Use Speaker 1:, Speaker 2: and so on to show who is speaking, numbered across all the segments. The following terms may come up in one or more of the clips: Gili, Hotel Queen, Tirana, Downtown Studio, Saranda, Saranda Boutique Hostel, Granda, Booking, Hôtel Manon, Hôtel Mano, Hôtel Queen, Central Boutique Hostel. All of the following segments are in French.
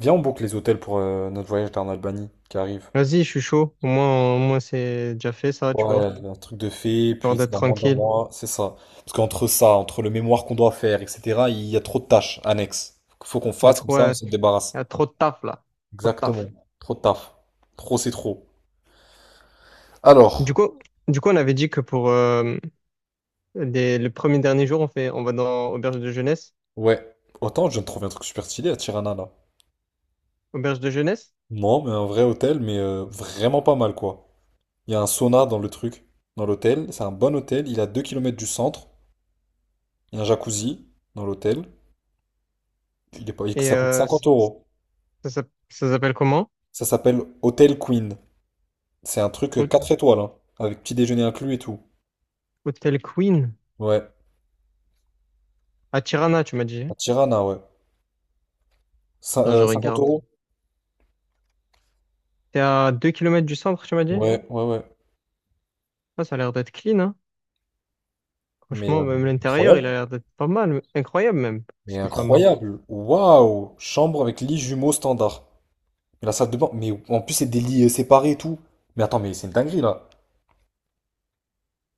Speaker 1: Viens, on boucle les hôtels pour notre voyage en Albanie qui arrive.
Speaker 2: Vas-y, je suis chaud. Au moins c'est déjà fait, ça, tu
Speaker 1: Ouais,
Speaker 2: vois.
Speaker 1: un truc de fait,
Speaker 2: Genre
Speaker 1: puis c'est
Speaker 2: d'être
Speaker 1: dans moins d'un
Speaker 2: tranquille.
Speaker 1: mois, c'est ça. Parce qu'entre ça, entre le mémoire qu'on doit faire, etc., il y a trop de tâches annexes. Faut qu'on
Speaker 2: De
Speaker 1: fasse, comme
Speaker 2: trop,
Speaker 1: ça on
Speaker 2: il
Speaker 1: se débarrasse.
Speaker 2: y a trop de taf, là. Trop de
Speaker 1: Exactement.
Speaker 2: taf.
Speaker 1: Trop de taf. Trop, c'est trop.
Speaker 2: Du
Speaker 1: Alors,
Speaker 2: coup, du coup, on avait dit que pour le premier dernier jour, on fait, on va dans auberge de jeunesse.
Speaker 1: ouais. Autant je viens de trouver un truc super stylé à Tirana, là.
Speaker 2: Auberge de jeunesse.
Speaker 1: Non, mais un vrai hôtel, mais vraiment pas mal, quoi. Il y a un sauna dans le truc, dans l'hôtel. C'est un bon hôtel, il est à 2 kilomètres du centre. Il y a un jacuzzi dans l'hôtel. Il est pas.
Speaker 2: Et
Speaker 1: Ça coûte 50 euros.
Speaker 2: ça, ça s'appelle comment?
Speaker 1: Ça s'appelle Hotel Queen. C'est un truc
Speaker 2: Hô-
Speaker 1: 4 étoiles, hein, avec petit déjeuner inclus et tout.
Speaker 2: Hôtel Queen.
Speaker 1: Ouais,
Speaker 2: À Tirana, tu m'as dit,
Speaker 1: à
Speaker 2: hein.
Speaker 1: Tirana, ouais.
Speaker 2: Non, je
Speaker 1: 50
Speaker 2: regarde.
Speaker 1: euros?
Speaker 2: T'es à 2 kilomètres du centre, tu m'as dit?
Speaker 1: Ouais, ouais, ouais.
Speaker 2: Ah, ça a l'air d'être clean, hein.
Speaker 1: Mais
Speaker 2: Franchement, même l'intérieur,
Speaker 1: incroyable.
Speaker 2: il a l'air d'être pas mal. Incroyable, même.
Speaker 1: Mais
Speaker 2: Parce que pas mal.
Speaker 1: incroyable. Waouh! Chambre avec lit jumeau standard. Et la salle de bain. Mais en plus, c'est des lits séparés et tout. Mais attends, mais c'est une dinguerie là.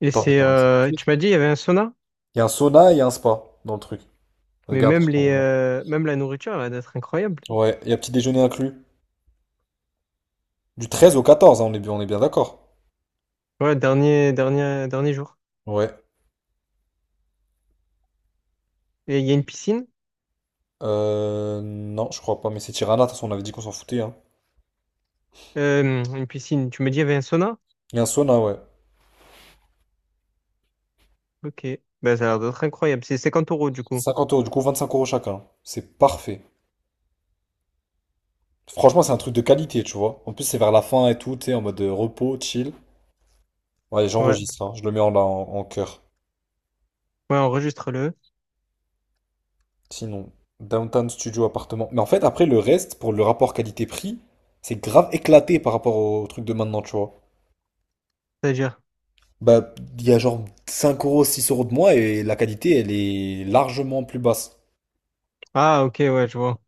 Speaker 2: Et
Speaker 1: Attends, je
Speaker 2: c'est,
Speaker 1: vais.
Speaker 2: tu m'as dit, il y avait un sauna?
Speaker 1: Il y a un sauna et il y a un spa dans le truc.
Speaker 2: Mais
Speaker 1: Regarde, je
Speaker 2: même
Speaker 1: t'envoie.
Speaker 2: même la nourriture, elle va être incroyable.
Speaker 1: Ouais, il y a petit déjeuner inclus. Du 13 au 14, hein, on est bien d'accord.
Speaker 2: Ouais, dernier, dernier, dernier jour.
Speaker 1: Ouais.
Speaker 2: Et il y a une piscine.
Speaker 1: Non, je crois pas, mais c'est Tirana, de toute façon, on avait dit qu'on s'en foutait, hein.
Speaker 2: Une piscine. Tu me dis, il y avait un sauna?
Speaker 1: Et un sauna, ouais.
Speaker 2: Ok. Ben, ça a l'air d'être incroyable. C'est cinquante euros, du coup.
Speaker 1: 50 euros, du coup, 25 euros chacun. C'est parfait. Franchement, c'est un truc de qualité, tu vois. En plus, c'est vers la fin et tout, tu sais, en mode repos, chill. Ouais,
Speaker 2: Ouais.
Speaker 1: j'enregistre, hein. Je le mets en cœur.
Speaker 2: Ouais, enregistre-le.
Speaker 1: Sinon, Downtown Studio appartement. Mais en fait, après, le reste, pour le rapport qualité-prix, c'est grave éclaté par rapport au truc de maintenant, tu vois.
Speaker 2: C'est-à-dire.
Speaker 1: Bah, il y a genre 5 euros, 6 euros de moins et la qualité, elle est largement plus basse.
Speaker 2: Ah, ok, ouais, je vois.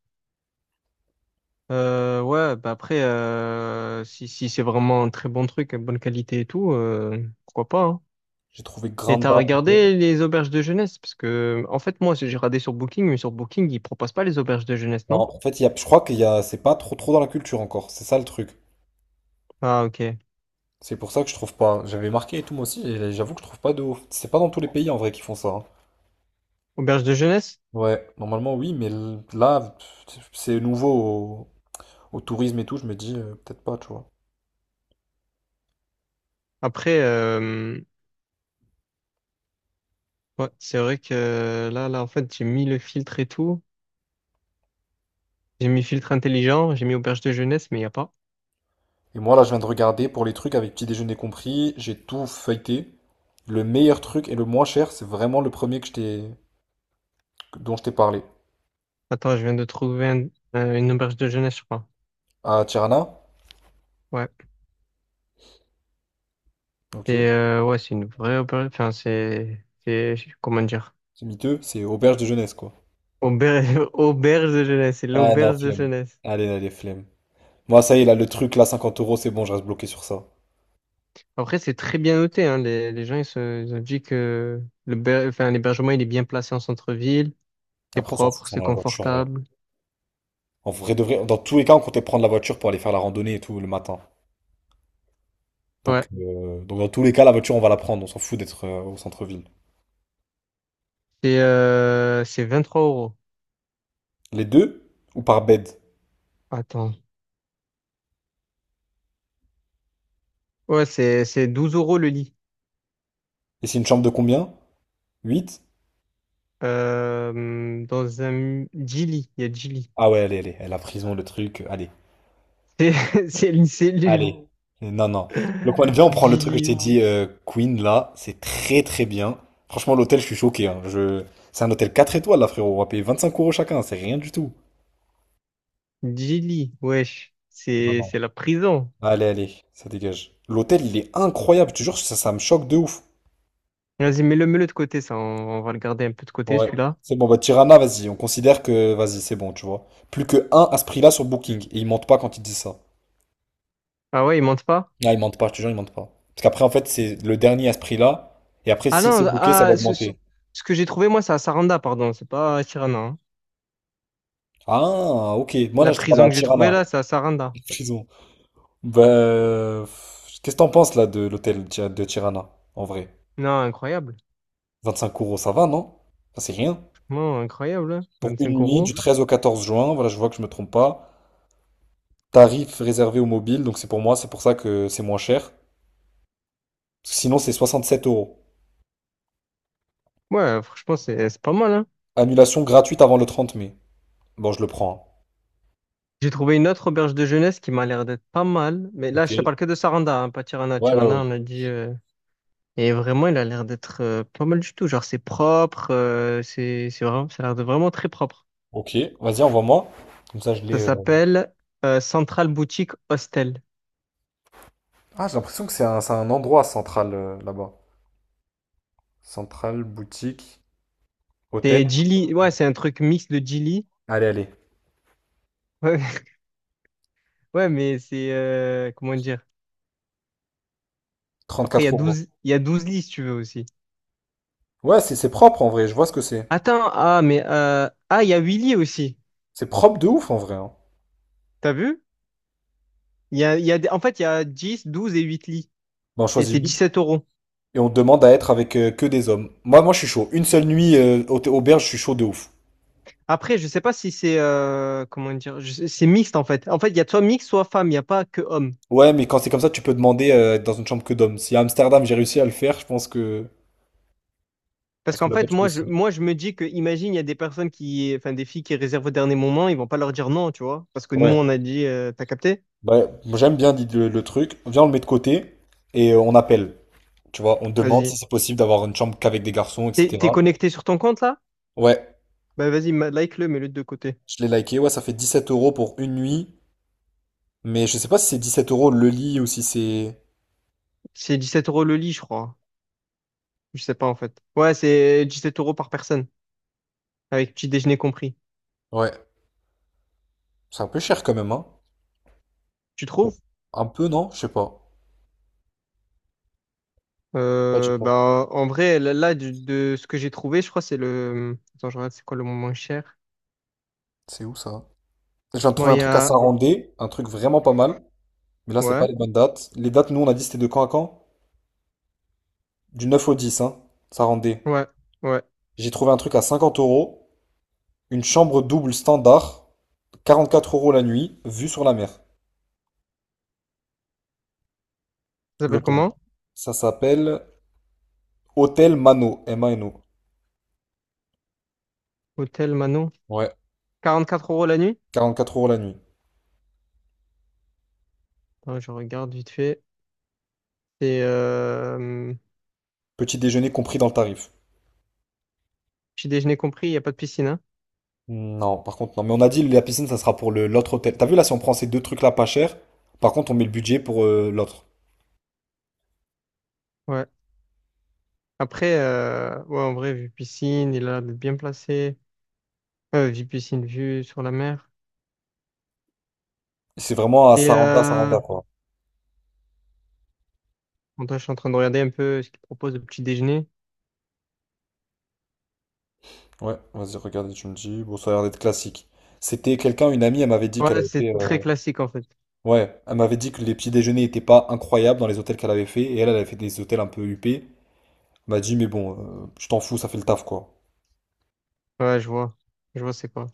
Speaker 2: Ouais, bah après, si c'est vraiment un très bon truc, à bonne qualité et tout, pourquoi pas, hein.
Speaker 1: J'ai trouvé
Speaker 2: Et
Speaker 1: Granda.
Speaker 2: t'as regardé les auberges de jeunesse? Parce que, en fait, moi, j'ai regardé sur Booking, mais sur Booking, ils proposent pas les auberges de jeunesse, non?
Speaker 1: Non, en fait, je crois qu'il y a, c'est pas trop trop dans la culture encore. C'est ça le truc.
Speaker 2: Ah, ok.
Speaker 1: C'est pour ça que je trouve pas. J'avais marqué et tout moi aussi, et j'avoue que je trouve pas de ouf. C'est pas dans tous les pays en vrai qui font ça, hein.
Speaker 2: Auberge de jeunesse?
Speaker 1: Ouais, normalement oui, mais là, pff, c'est nouveau au tourisme et tout. Je me dis peut-être pas, tu vois.
Speaker 2: Après, ouais, c'est vrai que là, en fait, j'ai mis le filtre et tout. J'ai mis filtre intelligent, j'ai mis auberge de jeunesse, mais il n'y a pas.
Speaker 1: Et moi là, je viens de regarder pour les trucs avec petit déjeuner compris. J'ai tout feuilleté. Le meilleur truc et le moins cher, c'est vraiment le premier que dont je t'ai parlé.
Speaker 2: Attends, je viens de trouver une auberge de jeunesse, je crois.
Speaker 1: À Tirana,
Speaker 2: Ouais.
Speaker 1: ok.
Speaker 2: Et ouais, c'est une vraie auberge. Enfin, c'est, comment dire?
Speaker 1: C'est miteux, c'est auberge de jeunesse quoi.
Speaker 2: Auberge, auberge de jeunesse, c'est
Speaker 1: Ah non,
Speaker 2: l'auberge de
Speaker 1: flemme.
Speaker 2: jeunesse.
Speaker 1: Allez, allez, flemme. Moi, ça y est, là, le truc, là, 50 euros, c'est bon, je reste bloqué sur ça.
Speaker 2: Après, c'est très bien noté, hein. Les gens, ils ont dit que l'hébergement, il est bien placé en centre-ville. C'est
Speaker 1: Après, on s'en fout,
Speaker 2: propre,
Speaker 1: ça
Speaker 2: c'est
Speaker 1: dans la voiture, en vrai.
Speaker 2: confortable.
Speaker 1: En vrai de vrai, dans tous les cas, on comptait prendre la voiture pour aller faire la randonnée et tout le matin.
Speaker 2: Ouais.
Speaker 1: Donc, dans tous les cas, la voiture, on va la prendre. On s'en fout d'être au centre-ville.
Speaker 2: C'est trois euros.
Speaker 1: Les deux ou par bed?
Speaker 2: Attends, ouais, c'est 12 € le lit.
Speaker 1: Et c'est une chambre de combien? 8.
Speaker 2: Dans un Gili, il y a Gili.
Speaker 1: Ah ouais, allez, allez, la prison, le truc, allez,
Speaker 2: C'est c'est une
Speaker 1: allez.
Speaker 2: cellule.
Speaker 1: Non. Non, non. Donc, on vient, on prend le truc que je t'ai
Speaker 2: Gili,
Speaker 1: dit, Queen, là, c'est très, très bien. Franchement, l'hôtel, je suis choqué, hein. Je. C'est un hôtel 4 étoiles, là, frérot. On va payer 25 euros chacun, c'est rien du tout.
Speaker 2: Gili, wesh.
Speaker 1: Non,
Speaker 2: C'est
Speaker 1: non.
Speaker 2: c'est la prison.
Speaker 1: Allez, allez, ça dégage. L'hôtel, il est incroyable, tu jures ça, ça me choque de ouf.
Speaker 2: Vas-y, mets-le, mets-le de côté, ça. On va le garder un peu de côté,
Speaker 1: Ouais.
Speaker 2: celui-là.
Speaker 1: C'est bon, bah Tirana, vas-y, on considère que, vas-y, c'est bon, tu vois. Plus que un à ce prix-là sur Booking. Et ils mentent pas quand ils disent ça.
Speaker 2: Ah ouais, il monte pas?
Speaker 1: Ah, ils mentent pas, je te jure, ils mentent pas. Parce qu'après, en fait, c'est le dernier à ce prix-là. Et après,
Speaker 2: Ah
Speaker 1: si c'est
Speaker 2: non,
Speaker 1: booké, ça va augmenter.
Speaker 2: ce que j'ai trouvé, moi, c'est à Saranda, pardon. C'est pas à Tirana, hein.
Speaker 1: Ah, ok. Moi, là,
Speaker 2: La
Speaker 1: je te parle
Speaker 2: prison
Speaker 1: à
Speaker 2: que j'ai trouvée
Speaker 1: Tirana.
Speaker 2: là, c'est à Saranda.
Speaker 1: Prison. Bah, qu'est-ce que t'en penses, là, de l'hôtel de Tirana, en vrai?
Speaker 2: Non, incroyable.
Speaker 1: 25 euros, ça va, non? Ça, c'est rien.
Speaker 2: Franchement, incroyable,
Speaker 1: Pour
Speaker 2: hein. Cinq
Speaker 1: une nuit,
Speaker 2: euros.
Speaker 1: du 13 au 14 juin, voilà, je vois que je me trompe pas. Tarif réservé aux mobiles, donc c'est pour moi, c'est pour ça que c'est moins cher. Sinon, c'est 67 euros.
Speaker 2: Ouais, franchement, c'est pas mal, hein.
Speaker 1: Annulation gratuite avant le 30 mai. Bon, je le prends.
Speaker 2: J'ai trouvé une autre auberge de jeunesse qui m'a l'air d'être pas mal. Mais là, je te
Speaker 1: hein. Ok.
Speaker 2: parle que de Saranda, hein, pas Tirana.
Speaker 1: Ouais, ouais,
Speaker 2: Tirana,
Speaker 1: ouais.
Speaker 2: on a dit. Et vraiment, il a l'air d'être pas mal du tout. Genre, c'est propre. C'est vraiment, ça a l'air de vraiment très propre.
Speaker 1: Ok, vas-y, envoie-moi. Comme ça, je l'ai.
Speaker 2: Ça
Speaker 1: euh.
Speaker 2: s'appelle Central Boutique Hostel.
Speaker 1: Ah, j'ai l'impression que c'est un endroit central là-bas. Centrale, boutique, hôtel.
Speaker 2: C'est Gili. Ouais, c'est un truc mix de Gili.
Speaker 1: Allez, allez.
Speaker 2: Ouais, ouais, mais c'est. Comment dire? Après, il y a
Speaker 1: 34 euros.
Speaker 2: 12, il y a 12 lits si tu veux aussi.
Speaker 1: Ouais, c'est propre en vrai, je vois ce que c'est.
Speaker 2: Attends, ah, mais. Ah, il y a 8 lits aussi.
Speaker 1: C'est propre de ouf en vrai, hein.
Speaker 2: T'as vu? Il y a, en fait, il y a 10, 12 et 8 lits.
Speaker 1: Bon, on
Speaker 2: Et
Speaker 1: choisit
Speaker 2: c'est
Speaker 1: 8
Speaker 2: 17 euros.
Speaker 1: et on demande à être avec que des hommes. Moi, je suis chaud. Une seule nuit auberge, je suis chaud de ouf.
Speaker 2: Après, je sais pas si c'est comment dire, c'est mixte en fait. En fait, il y a soit mixte, soit femme, il n'y a pas que homme.
Speaker 1: Ouais, mais quand c'est comme ça, tu peux demander être dans une chambre que d'hommes. Si à Amsterdam j'ai réussi à le faire, je
Speaker 2: Parce
Speaker 1: pense que
Speaker 2: qu'en
Speaker 1: là-bas
Speaker 2: fait,
Speaker 1: tu peux
Speaker 2: moi je,
Speaker 1: aussi.
Speaker 2: moi, je me dis que, imagine, il y a des personnes qui, enfin, des filles qui réservent au dernier moment, ils vont pas leur dire non, tu vois. Parce que nous,
Speaker 1: Ouais,
Speaker 2: on a dit, t'as capté?
Speaker 1: bah, moi, j'aime bien le truc. Viens, on le met de côté et on appelle. Tu vois, on demande
Speaker 2: Vas-y.
Speaker 1: si c'est possible d'avoir une chambre qu'avec des garçons,
Speaker 2: T'es
Speaker 1: etc.
Speaker 2: connecté sur ton compte là?
Speaker 1: Ouais,
Speaker 2: Bah, vas-y, like-le, mets-le de côté.
Speaker 1: je l'ai liké. Ouais, ça fait 17 euros pour une nuit. Mais je sais pas si c'est 17 euros le lit ou si c'est.
Speaker 2: C'est 17 euros le lit, je crois. Je sais pas en fait. Ouais, c'est 17 euros par personne, avec petit déjeuner compris.
Speaker 1: Ouais, c'est un peu cher quand même, hein.
Speaker 2: Tu
Speaker 1: Bon.
Speaker 2: trouves?
Speaker 1: Un peu, non? Je sais pas.
Speaker 2: Bah, en vrai, là, de ce que j'ai trouvé, je crois que c'est le. Attends, je regarde, c'est quoi le moins cher?
Speaker 1: C'est où ça? Je viens de
Speaker 2: Bon,
Speaker 1: trouver un
Speaker 2: il y
Speaker 1: truc à
Speaker 2: a.
Speaker 1: Sarandé, un truc vraiment pas mal. Mais là, c'est pas
Speaker 2: Ouais,
Speaker 1: les bonnes dates. Les dates, nous, on a dit c'était de quand à quand? Du 9 au 10, hein, ça rendait.
Speaker 2: ouais, ouais.
Speaker 1: J'ai trouvé un truc à 50 euros, une chambre double standard, 44 euros la nuit, vue sur la mer,
Speaker 2: Ça s'appelle
Speaker 1: l'hôtel.
Speaker 2: comment?
Speaker 1: Ça s'appelle Hôtel Mano, Mano.
Speaker 2: Hôtel Manon.
Speaker 1: Ouais,
Speaker 2: 44 € la nuit?
Speaker 1: 44 euros la nuit.
Speaker 2: Attends, je regarde vite fait. C'est.
Speaker 1: Petit déjeuner compris dans le tarif.
Speaker 2: Petit déjeuner compris, il n'y a pas de piscine, hein?
Speaker 1: Non, par contre, non. Mais on a dit la piscine, ça sera pour le l'autre hôtel. T'as vu là, si on prend ces deux trucs-là pas cher, par contre, on met le budget pour l'autre.
Speaker 2: Ouais. Après, ouais, en vrai, vue piscine, il a l'air d'être bien placé. Vue piscine, vue sur la mer.
Speaker 1: C'est vraiment à
Speaker 2: Et.
Speaker 1: Saranda, Saranda, quoi.
Speaker 2: Attends, je suis en train de regarder un peu ce qu'il propose de petit déjeuner.
Speaker 1: Ouais, vas-y, regarde, tu me dis. Bon, ça a l'air d'être classique. C'était quelqu'un, une amie, elle m'avait dit qu'elle
Speaker 2: Ouais,
Speaker 1: avait fait.
Speaker 2: c'est
Speaker 1: euh,
Speaker 2: très classique en fait.
Speaker 1: Ouais, elle m'avait dit que les petits déjeuners étaient pas incroyables dans les hôtels qu'elle avait fait, et elle, elle avait fait des hôtels un peu huppés. Elle m'a dit, mais bon, je t'en fous, ça fait le taf, quoi.
Speaker 2: Ouais, je vois. Je vois, c'est quoi.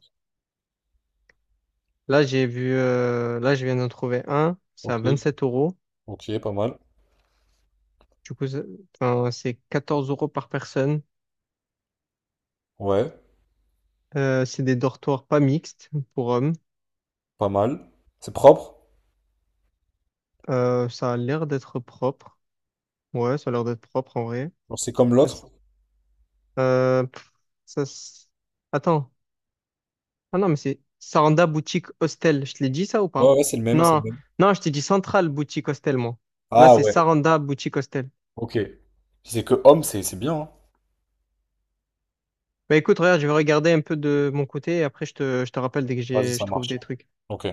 Speaker 2: Là, j'ai vu, là, je viens d'en trouver un. C'est
Speaker 1: Ok,
Speaker 2: à 27 euros.
Speaker 1: ok, pas mal.
Speaker 2: Du coup, c'est enfin, c'est 14 euros par personne.
Speaker 1: Ouais,
Speaker 2: C'est des dortoirs pas mixtes pour hommes.
Speaker 1: pas mal. C'est propre?
Speaker 2: Ça a l'air d'être propre. Ouais, ça a l'air d'être propre en vrai.
Speaker 1: Genre, c'est comme
Speaker 2: Ça s-
Speaker 1: l'autre?
Speaker 2: Pff, ça, s- Attends. Ah non, mais c'est Saranda Boutique Hostel. Je te l'ai dit ça ou
Speaker 1: Ouais,
Speaker 2: pas?
Speaker 1: ouais, c'est le même, c'est le
Speaker 2: Non,
Speaker 1: même.
Speaker 2: non, je t'ai dit Central Boutique Hostel, moi. Là,
Speaker 1: Ah
Speaker 2: c'est
Speaker 1: ouais,
Speaker 2: Saranda Boutique Hostel.
Speaker 1: ok. Si c'est que homme, c'est bien, hein.
Speaker 2: Bah écoute, regarde, je vais regarder un peu de mon côté et après, je te rappelle dès que
Speaker 1: Vas-y, ça
Speaker 2: je trouve
Speaker 1: marche.
Speaker 2: des trucs.
Speaker 1: Ok.